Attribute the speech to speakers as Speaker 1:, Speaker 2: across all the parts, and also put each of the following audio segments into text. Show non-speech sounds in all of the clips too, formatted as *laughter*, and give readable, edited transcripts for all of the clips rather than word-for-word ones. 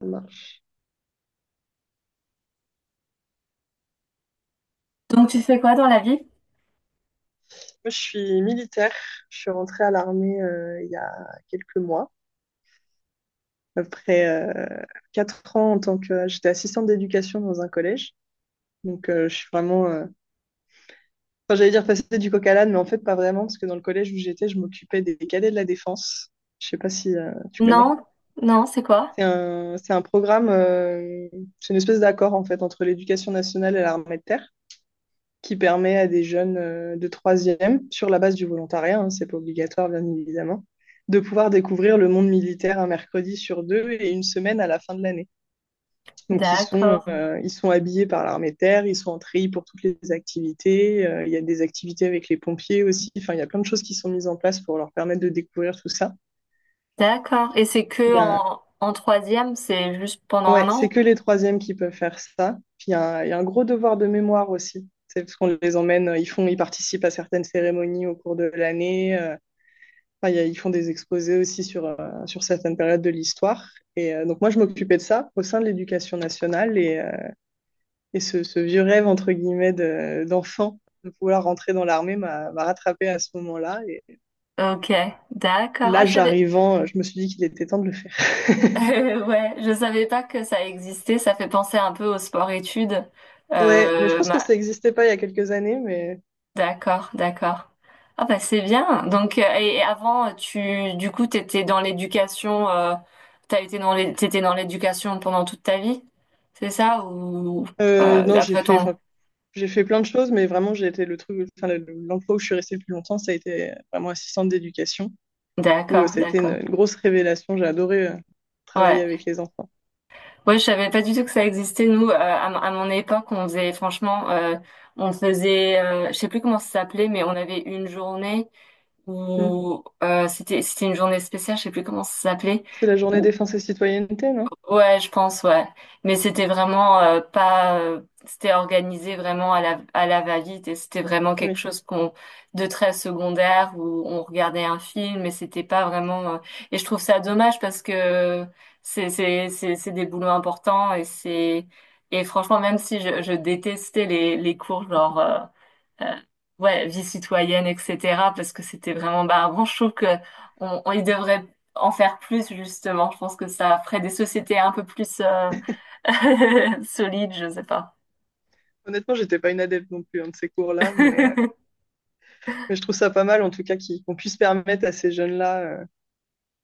Speaker 1: Ça marche.
Speaker 2: Donc tu fais quoi dans la vie?
Speaker 1: Moi, je suis militaire. Je suis rentrée à l'armée il y a quelques mois, après 4 ans en tant que... J'étais assistante d'éducation dans un collège. Je suis vraiment... Enfin, j'allais dire passer du coq à l'âne, mais en fait, pas vraiment, parce que dans le collège où j'étais, je m'occupais des cadets de la défense. Je sais pas si tu connais.
Speaker 2: Non, non, c'est quoi?
Speaker 1: C'est un programme, c'est une espèce d'accord, en fait, entre l'éducation nationale et l'armée de terre, qui permet à des jeunes de troisième, sur la base du volontariat, hein, c'est pas obligatoire bien évidemment, de pouvoir découvrir le monde militaire un mercredi sur deux et une semaine à la fin de l'année. Donc
Speaker 2: D'accord,
Speaker 1: ils sont habillés par l'armée de terre, ils sont en treillis pour toutes les activités, il y a des activités avec les pompiers aussi, enfin il y a plein de choses qui sont mises en place pour leur permettre de découvrir tout ça.
Speaker 2: d'accord. Et c'est
Speaker 1: Il
Speaker 2: que
Speaker 1: y a...
Speaker 2: en troisième, c'est juste pendant un
Speaker 1: Ouais, c'est
Speaker 2: an?
Speaker 1: que les troisièmes qui peuvent faire ça. Puis il y a un gros devoir de mémoire aussi. C'est parce qu'on les emmène, ils font, ils participent à certaines cérémonies au cours de l'année. Enfin, ils font des exposés aussi sur, sur certaines périodes de l'histoire. Donc moi, je m'occupais de ça au sein de l'éducation nationale. Et ce vieux rêve, entre guillemets, d'enfant de vouloir rentrer dans l'armée m'a rattrapé à ce moment-là. Et
Speaker 2: Ok, d'accord. Ah, je
Speaker 1: l'âge
Speaker 2: savais.
Speaker 1: arrivant, je me suis dit qu'il était temps de le faire.
Speaker 2: *laughs* Ouais, je savais pas que ça existait. Ça fait penser un peu au sport-études.
Speaker 1: Ouais, mais je pense que
Speaker 2: Bah,
Speaker 1: ça n'existait pas il y a quelques années. Mais
Speaker 2: d'accord, d'accord. Ah bah c'est bien. Donc et avant, du coup, t'étais dans l'éducation. T'étais dans l'éducation pendant toute ta vie, c'est ça? Ou
Speaker 1: non, j'ai
Speaker 2: après
Speaker 1: fait,
Speaker 2: ton...
Speaker 1: enfin, j'ai fait plein de choses, mais vraiment, j'ai été le truc, enfin, l'emploi où je suis restée le plus longtemps, ça a été vraiment assistante d'éducation, où
Speaker 2: D'accord,
Speaker 1: ça a été une,
Speaker 2: d'accord.
Speaker 1: une grosse révélation. J'ai adoré travailler
Speaker 2: Ouais,
Speaker 1: avec les enfants.
Speaker 2: ouais, je savais pas du tout que ça existait. Nous, à mon époque, on faisait, franchement, on faisait, je sais plus comment ça s'appelait, mais on avait une journée
Speaker 1: Mm.
Speaker 2: où c'était une journée spéciale, je sais plus comment ça s'appelait,
Speaker 1: C'est la journée
Speaker 2: où...
Speaker 1: défense et citoyenneté, non?
Speaker 2: Ouais, je pense, ouais. Mais c'était vraiment pas, c'était organisé vraiment à la va-vite et c'était vraiment quelque
Speaker 1: Oui.
Speaker 2: chose qu'on... de très secondaire où on regardait un film et c'était pas vraiment. Et je trouve ça dommage parce que c'est des boulots importants et c'est... et franchement même si je détestais les cours genre euh, ouais, vie citoyenne, etc. Parce que c'était vraiment barbant. Je trouve que on y devrait en faire plus, justement. Je pense que ça ferait des sociétés un peu plus *laughs* solides, je sais pas.
Speaker 1: Honnêtement, j'étais pas une adepte non plus hein, de ces cours-là,
Speaker 2: *laughs*
Speaker 1: mais je trouve ça pas mal, en tout cas, qu'on puisse permettre à ces jeunes-là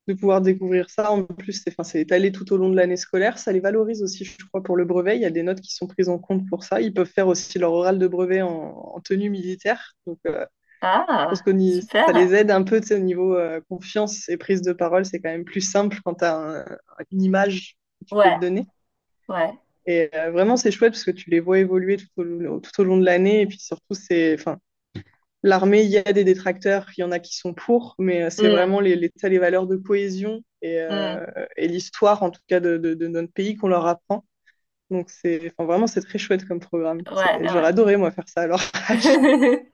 Speaker 1: de pouvoir découvrir ça. En plus, c'est, enfin, c'est étalé tout au long de l'année scolaire. Ça les valorise aussi, je crois, pour le brevet. Il y a des notes qui sont prises en compte pour ça. Ils peuvent faire aussi leur oral de brevet en, en tenue militaire. Je pense que
Speaker 2: Ah,
Speaker 1: ça les
Speaker 2: super.
Speaker 1: aide un peu, tu sais, au niveau confiance et prise de parole. C'est quand même plus simple quand tu as une image que tu peux te
Speaker 2: Ouais,
Speaker 1: donner.
Speaker 2: ouais.
Speaker 1: Vraiment, c'est chouette parce que tu les vois évoluer tout au long de l'année. Et puis surtout, c'est, enfin, l'armée, il y a des détracteurs, il y en a qui sont pour, mais c'est
Speaker 2: Hmm,
Speaker 1: vraiment les valeurs de cohésion
Speaker 2: hmm,
Speaker 1: et l'histoire, en tout cas, de notre pays qu'on leur apprend. Donc, c'est, enfin, vraiment, c'est très chouette comme programme.
Speaker 2: ouais,
Speaker 1: C'est- J'aurais
Speaker 2: ouais.
Speaker 1: adoré, moi, faire ça à leur *laughs* âge.
Speaker 2: *laughs*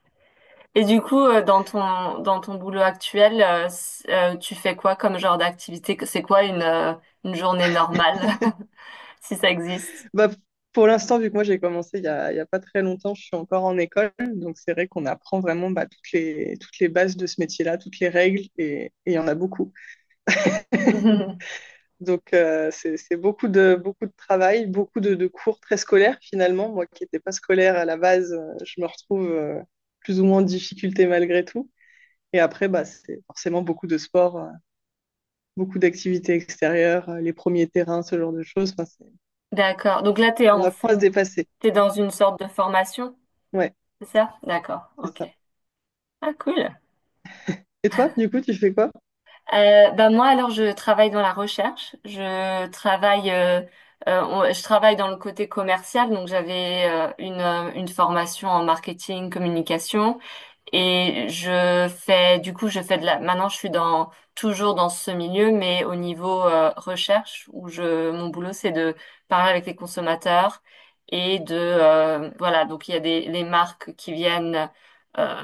Speaker 2: Et du coup, dans ton boulot actuel, tu fais quoi comme genre d'activité? C'est quoi une journée normale, *laughs* si ça existe?
Speaker 1: Bah, pour l'instant, vu que moi, j'ai commencé il y a pas très longtemps, je suis encore en école. Donc, c'est vrai qu'on apprend vraiment bah, toutes les bases de ce métier-là, toutes les règles, et il y en a beaucoup.
Speaker 2: *laughs*
Speaker 1: C'est beaucoup de travail, beaucoup de cours très scolaires finalement. Moi qui n'étais pas scolaire à la base, je me retrouve plus ou moins en difficulté malgré tout. Et après, bah, c'est forcément beaucoup de sport, beaucoup d'activités extérieures, les premiers terrains, ce genre de choses. Enfin, c'est-
Speaker 2: D'accord. Donc là,
Speaker 1: on apprend à se dépasser.
Speaker 2: t'es dans une sorte de formation,
Speaker 1: Ouais,
Speaker 2: c'est ça? D'accord.
Speaker 1: c'est
Speaker 2: Ok.
Speaker 1: ça.
Speaker 2: Ah, cool.
Speaker 1: Et toi, du coup, tu fais quoi?
Speaker 2: Bah moi, alors, je travaille dans la recherche. Je travaille dans le côté commercial. Donc, j'avais une formation en marketing, communication. Et je fais maintenant toujours dans ce milieu, mais au niveau recherche, où mon boulot, c'est de parler avec les consommateurs et voilà, donc il y a des, les marques qui viennent euh,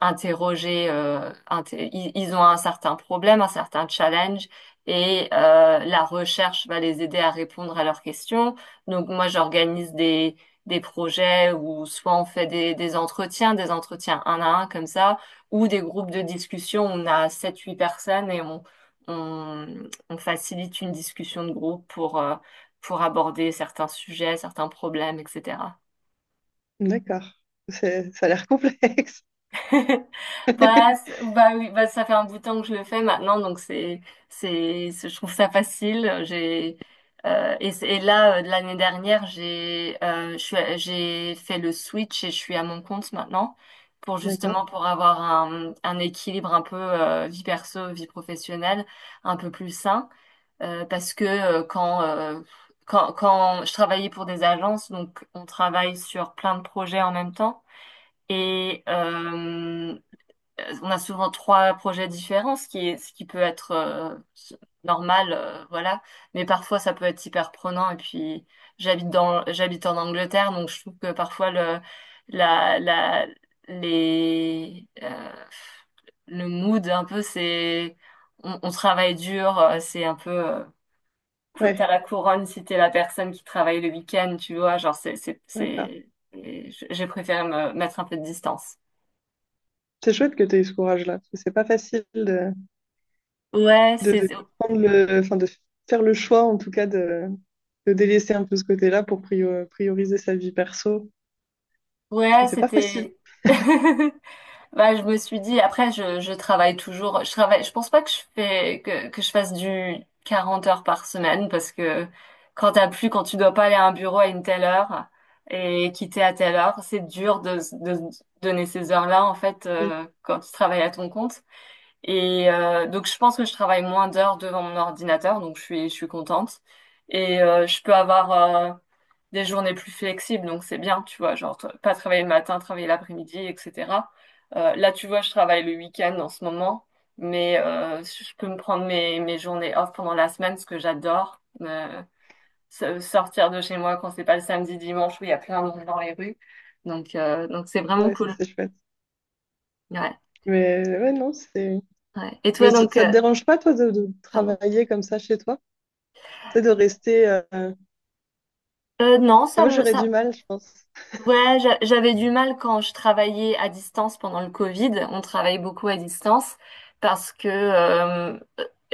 Speaker 2: ils ont un certain problème, un certain challenge, et la recherche va les aider à répondre à leurs questions. Donc moi, j'organise des projets où soit on fait des entretiens un à un comme ça, ou des groupes de discussion, on a sept huit personnes et on, on facilite une discussion de groupe pour aborder certains sujets, certains problèmes, etc.
Speaker 1: D'accord. C'est- Ça a l'air complexe.
Speaker 2: *laughs* Bah,
Speaker 1: *laughs*
Speaker 2: bah oui, bah ça fait un bout de temps que je le fais maintenant, donc je trouve ça facile. Et là, de l'année dernière, j'ai fait le switch et je suis à mon compte maintenant,
Speaker 1: D'accord.
Speaker 2: pour avoir un équilibre un peu vie perso, vie professionnelle, un peu plus sain, parce que quand je travaillais pour des agences, donc on travaille sur plein de projets en même temps. Et, on a souvent trois projets différents, ce qui peut être normal, voilà. Mais parfois, ça peut être hyper prenant. Et puis, j'habite en Angleterre, donc je trouve que parfois la, la, les, le mood un peu, c'est, on travaille dur, c'est un peu, t'as
Speaker 1: Ouais,
Speaker 2: la couronne si t'es la personne qui travaille le week-end, tu vois. Genre,
Speaker 1: d'accord.
Speaker 2: j'ai préféré me mettre un peu de distance.
Speaker 1: C'est chouette que tu aies eu ce courage-là, parce que c'est pas facile
Speaker 2: Ouais, c'est...
Speaker 1: de prendre le, enfin, de faire le choix, en tout cas, de délaisser un peu ce côté-là pour prioriser sa vie perso.
Speaker 2: Ouais,
Speaker 1: C'est pas facile.
Speaker 2: c'était. *laughs* Bah, je me suis dit, après, je travaille toujours. Je pense pas que que je fasse du 40 heures par semaine, parce que quand tu dois pas aller à un bureau à une telle heure et quitter à telle heure, c'est dur de donner ces heures-là, en fait,
Speaker 1: Mm.
Speaker 2: quand tu travailles à ton compte. Donc, je pense que je travaille moins d'heures devant mon ordinateur, donc je suis contente. Je peux avoir des journées plus flexibles, donc c'est bien, tu vois, genre pas travailler le matin, travailler l'après-midi, etc. Là, tu vois, je travaille le week-end en ce moment, mais je peux me prendre mes journées off pendant la semaine, ce que j'adore. Sortir de chez moi quand c'est pas le samedi, dimanche, où il y a plein de monde dans les rues. Donc c'est vraiment
Speaker 1: Ouais, ça,
Speaker 2: cool.
Speaker 1: c'est chouette.
Speaker 2: Ouais,
Speaker 1: Mais ouais, non, c'est.
Speaker 2: ouais. Et toi,
Speaker 1: Mais ça
Speaker 2: donc,
Speaker 1: ça te dérange pas, toi, de
Speaker 2: pardon.
Speaker 1: travailler comme ça chez toi? C'est de rester. Enfin,
Speaker 2: Non,
Speaker 1: moi, j'aurais
Speaker 2: ça...
Speaker 1: du mal, je pense.
Speaker 2: Ouais, j'avais du mal quand je travaillais à distance pendant le Covid. On travaille beaucoup à distance parce que euh,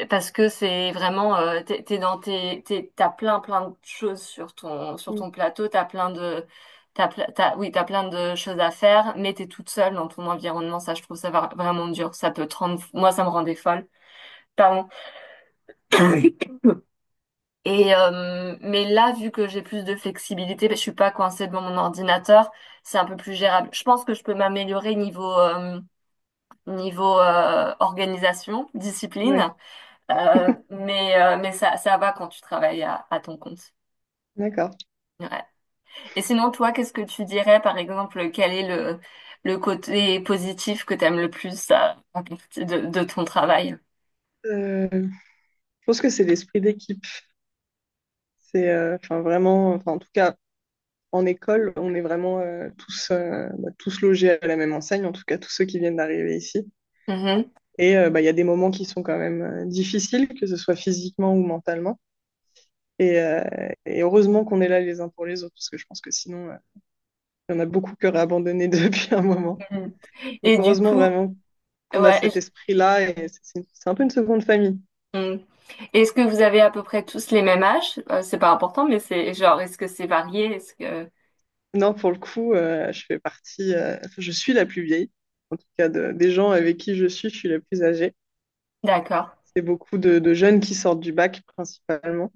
Speaker 2: parce que c'est vraiment t'es t'as plein plein de choses sur ton sur
Speaker 1: Mm.
Speaker 2: ton plateau. T'as plein de t'as, ple- t'as- oui, t'as plein de choses à faire, mais t'es toute seule dans ton environnement. Ça, je trouve ça vraiment dur. Ça peut te rendre, moi ça me rendait folle. Pardon. Mais là, vu que j'ai plus de flexibilité, ben, je suis pas coincée devant mon ordinateur, c'est un peu plus gérable. Je pense que je peux m'améliorer niveau organisation,
Speaker 1: Ouais,
Speaker 2: discipline. Mais ça ça va quand tu travailles à ton compte.
Speaker 1: d'accord.
Speaker 2: Ouais. Et sinon, toi, qu'est-ce que tu dirais, par exemple, quel est le côté positif que tu aimes le plus à à partir de ton travail?
Speaker 1: Euh, je pense que c'est l'esprit d'équipe. C'est enfin vraiment, enfin, en tout cas, en école, on est vraiment tous, bah, tous logés à la même enseigne, en tout cas, tous ceux qui viennent d'arriver ici.
Speaker 2: Mhm.
Speaker 1: Bah, il y a des moments qui sont quand même difficiles, que ce soit physiquement ou mentalement. Et, euh, et heureusement qu'on est là les uns pour les autres, parce que je pense que sinon, il y en a beaucoup qui auraient abandonné *laughs* depuis un moment.
Speaker 2: Mhm.
Speaker 1: Donc
Speaker 2: Et du
Speaker 1: heureusement
Speaker 2: coup,
Speaker 1: vraiment qu'on a
Speaker 2: ouais,
Speaker 1: cet esprit-là, et c'est un peu une seconde famille.
Speaker 2: mm. Est-ce que vous avez à peu près tous les mêmes âges? C'est pas important, mais c'est genre, est-ce que c'est varié? Est-ce que...
Speaker 1: Non, pour le coup, je fais partie, enfin, je suis la plus vieille, en tout cas des gens avec qui je suis la plus âgée.
Speaker 2: D'accord,
Speaker 1: C'est beaucoup de jeunes qui sortent du bac principalement.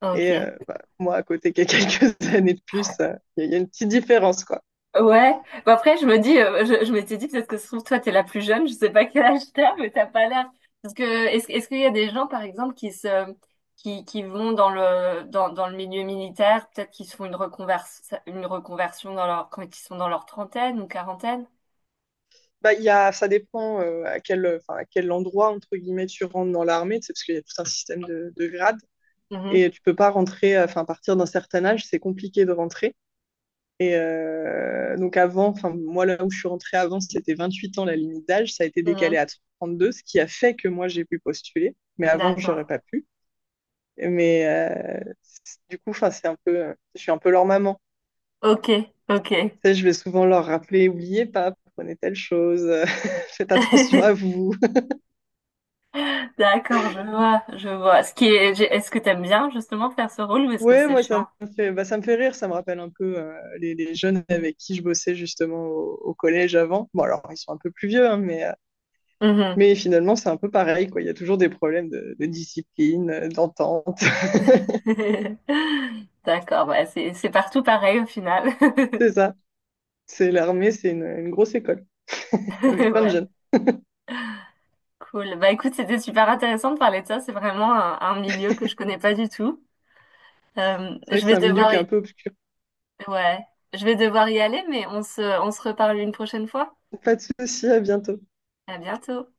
Speaker 2: ok.
Speaker 1: Bah, moi, à côté qui ai *laughs* quelques années de plus, il y a une petite différence, quoi.
Speaker 2: Ouais, bah après je me dis, je m'étais dit peut-être que se trouve toi t'es la plus jeune, je sais pas quel âge t'as, mais t'as pas l'air. Parce que est-ce qu'il y a des gens par exemple qui vont dans dans le milieu militaire, peut-être qu'ils se font une reconversion quand ils sont dans leur trentaine ou quarantaine?
Speaker 1: Bah, il y a, ça dépend à quel, enfin, à quel endroit, entre guillemets, tu rentres dans l'armée, tu sais, parce qu'il y a tout un système de grades.
Speaker 2: Mhm,
Speaker 1: Et tu peux pas rentrer, enfin, à partir d'un certain âge, c'est compliqué de rentrer. Donc avant, enfin, moi, là où je suis rentrée avant, c'était 28 ans la limite d'âge. Ça a été décalé
Speaker 2: mhm.
Speaker 1: à 32, ce qui a fait que moi, j'ai pu postuler. Mais avant, j'aurais
Speaker 2: D'accord.
Speaker 1: pas pu. Mais du coup, enfin, c'est un peu, je suis un peu leur maman.
Speaker 2: Ok, ok.
Speaker 1: Tu sais, je vais souvent leur rappeler, oubliez pas, prenez telle chose, *laughs* faites attention à
Speaker 2: *laughs*
Speaker 1: vous.
Speaker 2: D'accord, je vois, je vois. Ce qui est, j'ai- Est-ce que t'aimes bien justement faire ce rôle ou est-ce que
Speaker 1: Ouais,
Speaker 2: c'est
Speaker 1: moi,
Speaker 2: chiant?
Speaker 1: ça me fait, bah, ça me fait rire, ça me rappelle un peu les jeunes avec qui je bossais justement au, au collège avant. Bon, alors, ils sont un peu plus vieux, hein, mais finalement, c'est un peu pareil, quoi. Il y a toujours des problèmes de discipline, d'entente.
Speaker 2: *laughs* D'accord, bah c'est partout pareil au final.
Speaker 1: *laughs* C'est
Speaker 2: *laughs*
Speaker 1: ça. C'est l'armée, c'est une grosse école avec plein de
Speaker 2: Ouais,
Speaker 1: jeunes.
Speaker 2: cool. Bah écoute, c'était super intéressant de parler de ça. C'est vraiment un milieu que je connais pas du tout.
Speaker 1: C'est vrai
Speaker 2: Je
Speaker 1: que c'est
Speaker 2: vais
Speaker 1: un milieu
Speaker 2: devoir
Speaker 1: qui est un
Speaker 2: y...
Speaker 1: peu obscur.
Speaker 2: ouais, je vais devoir y aller, mais on se reparle une prochaine fois.
Speaker 1: Pas de souci, à bientôt.
Speaker 2: À bientôt.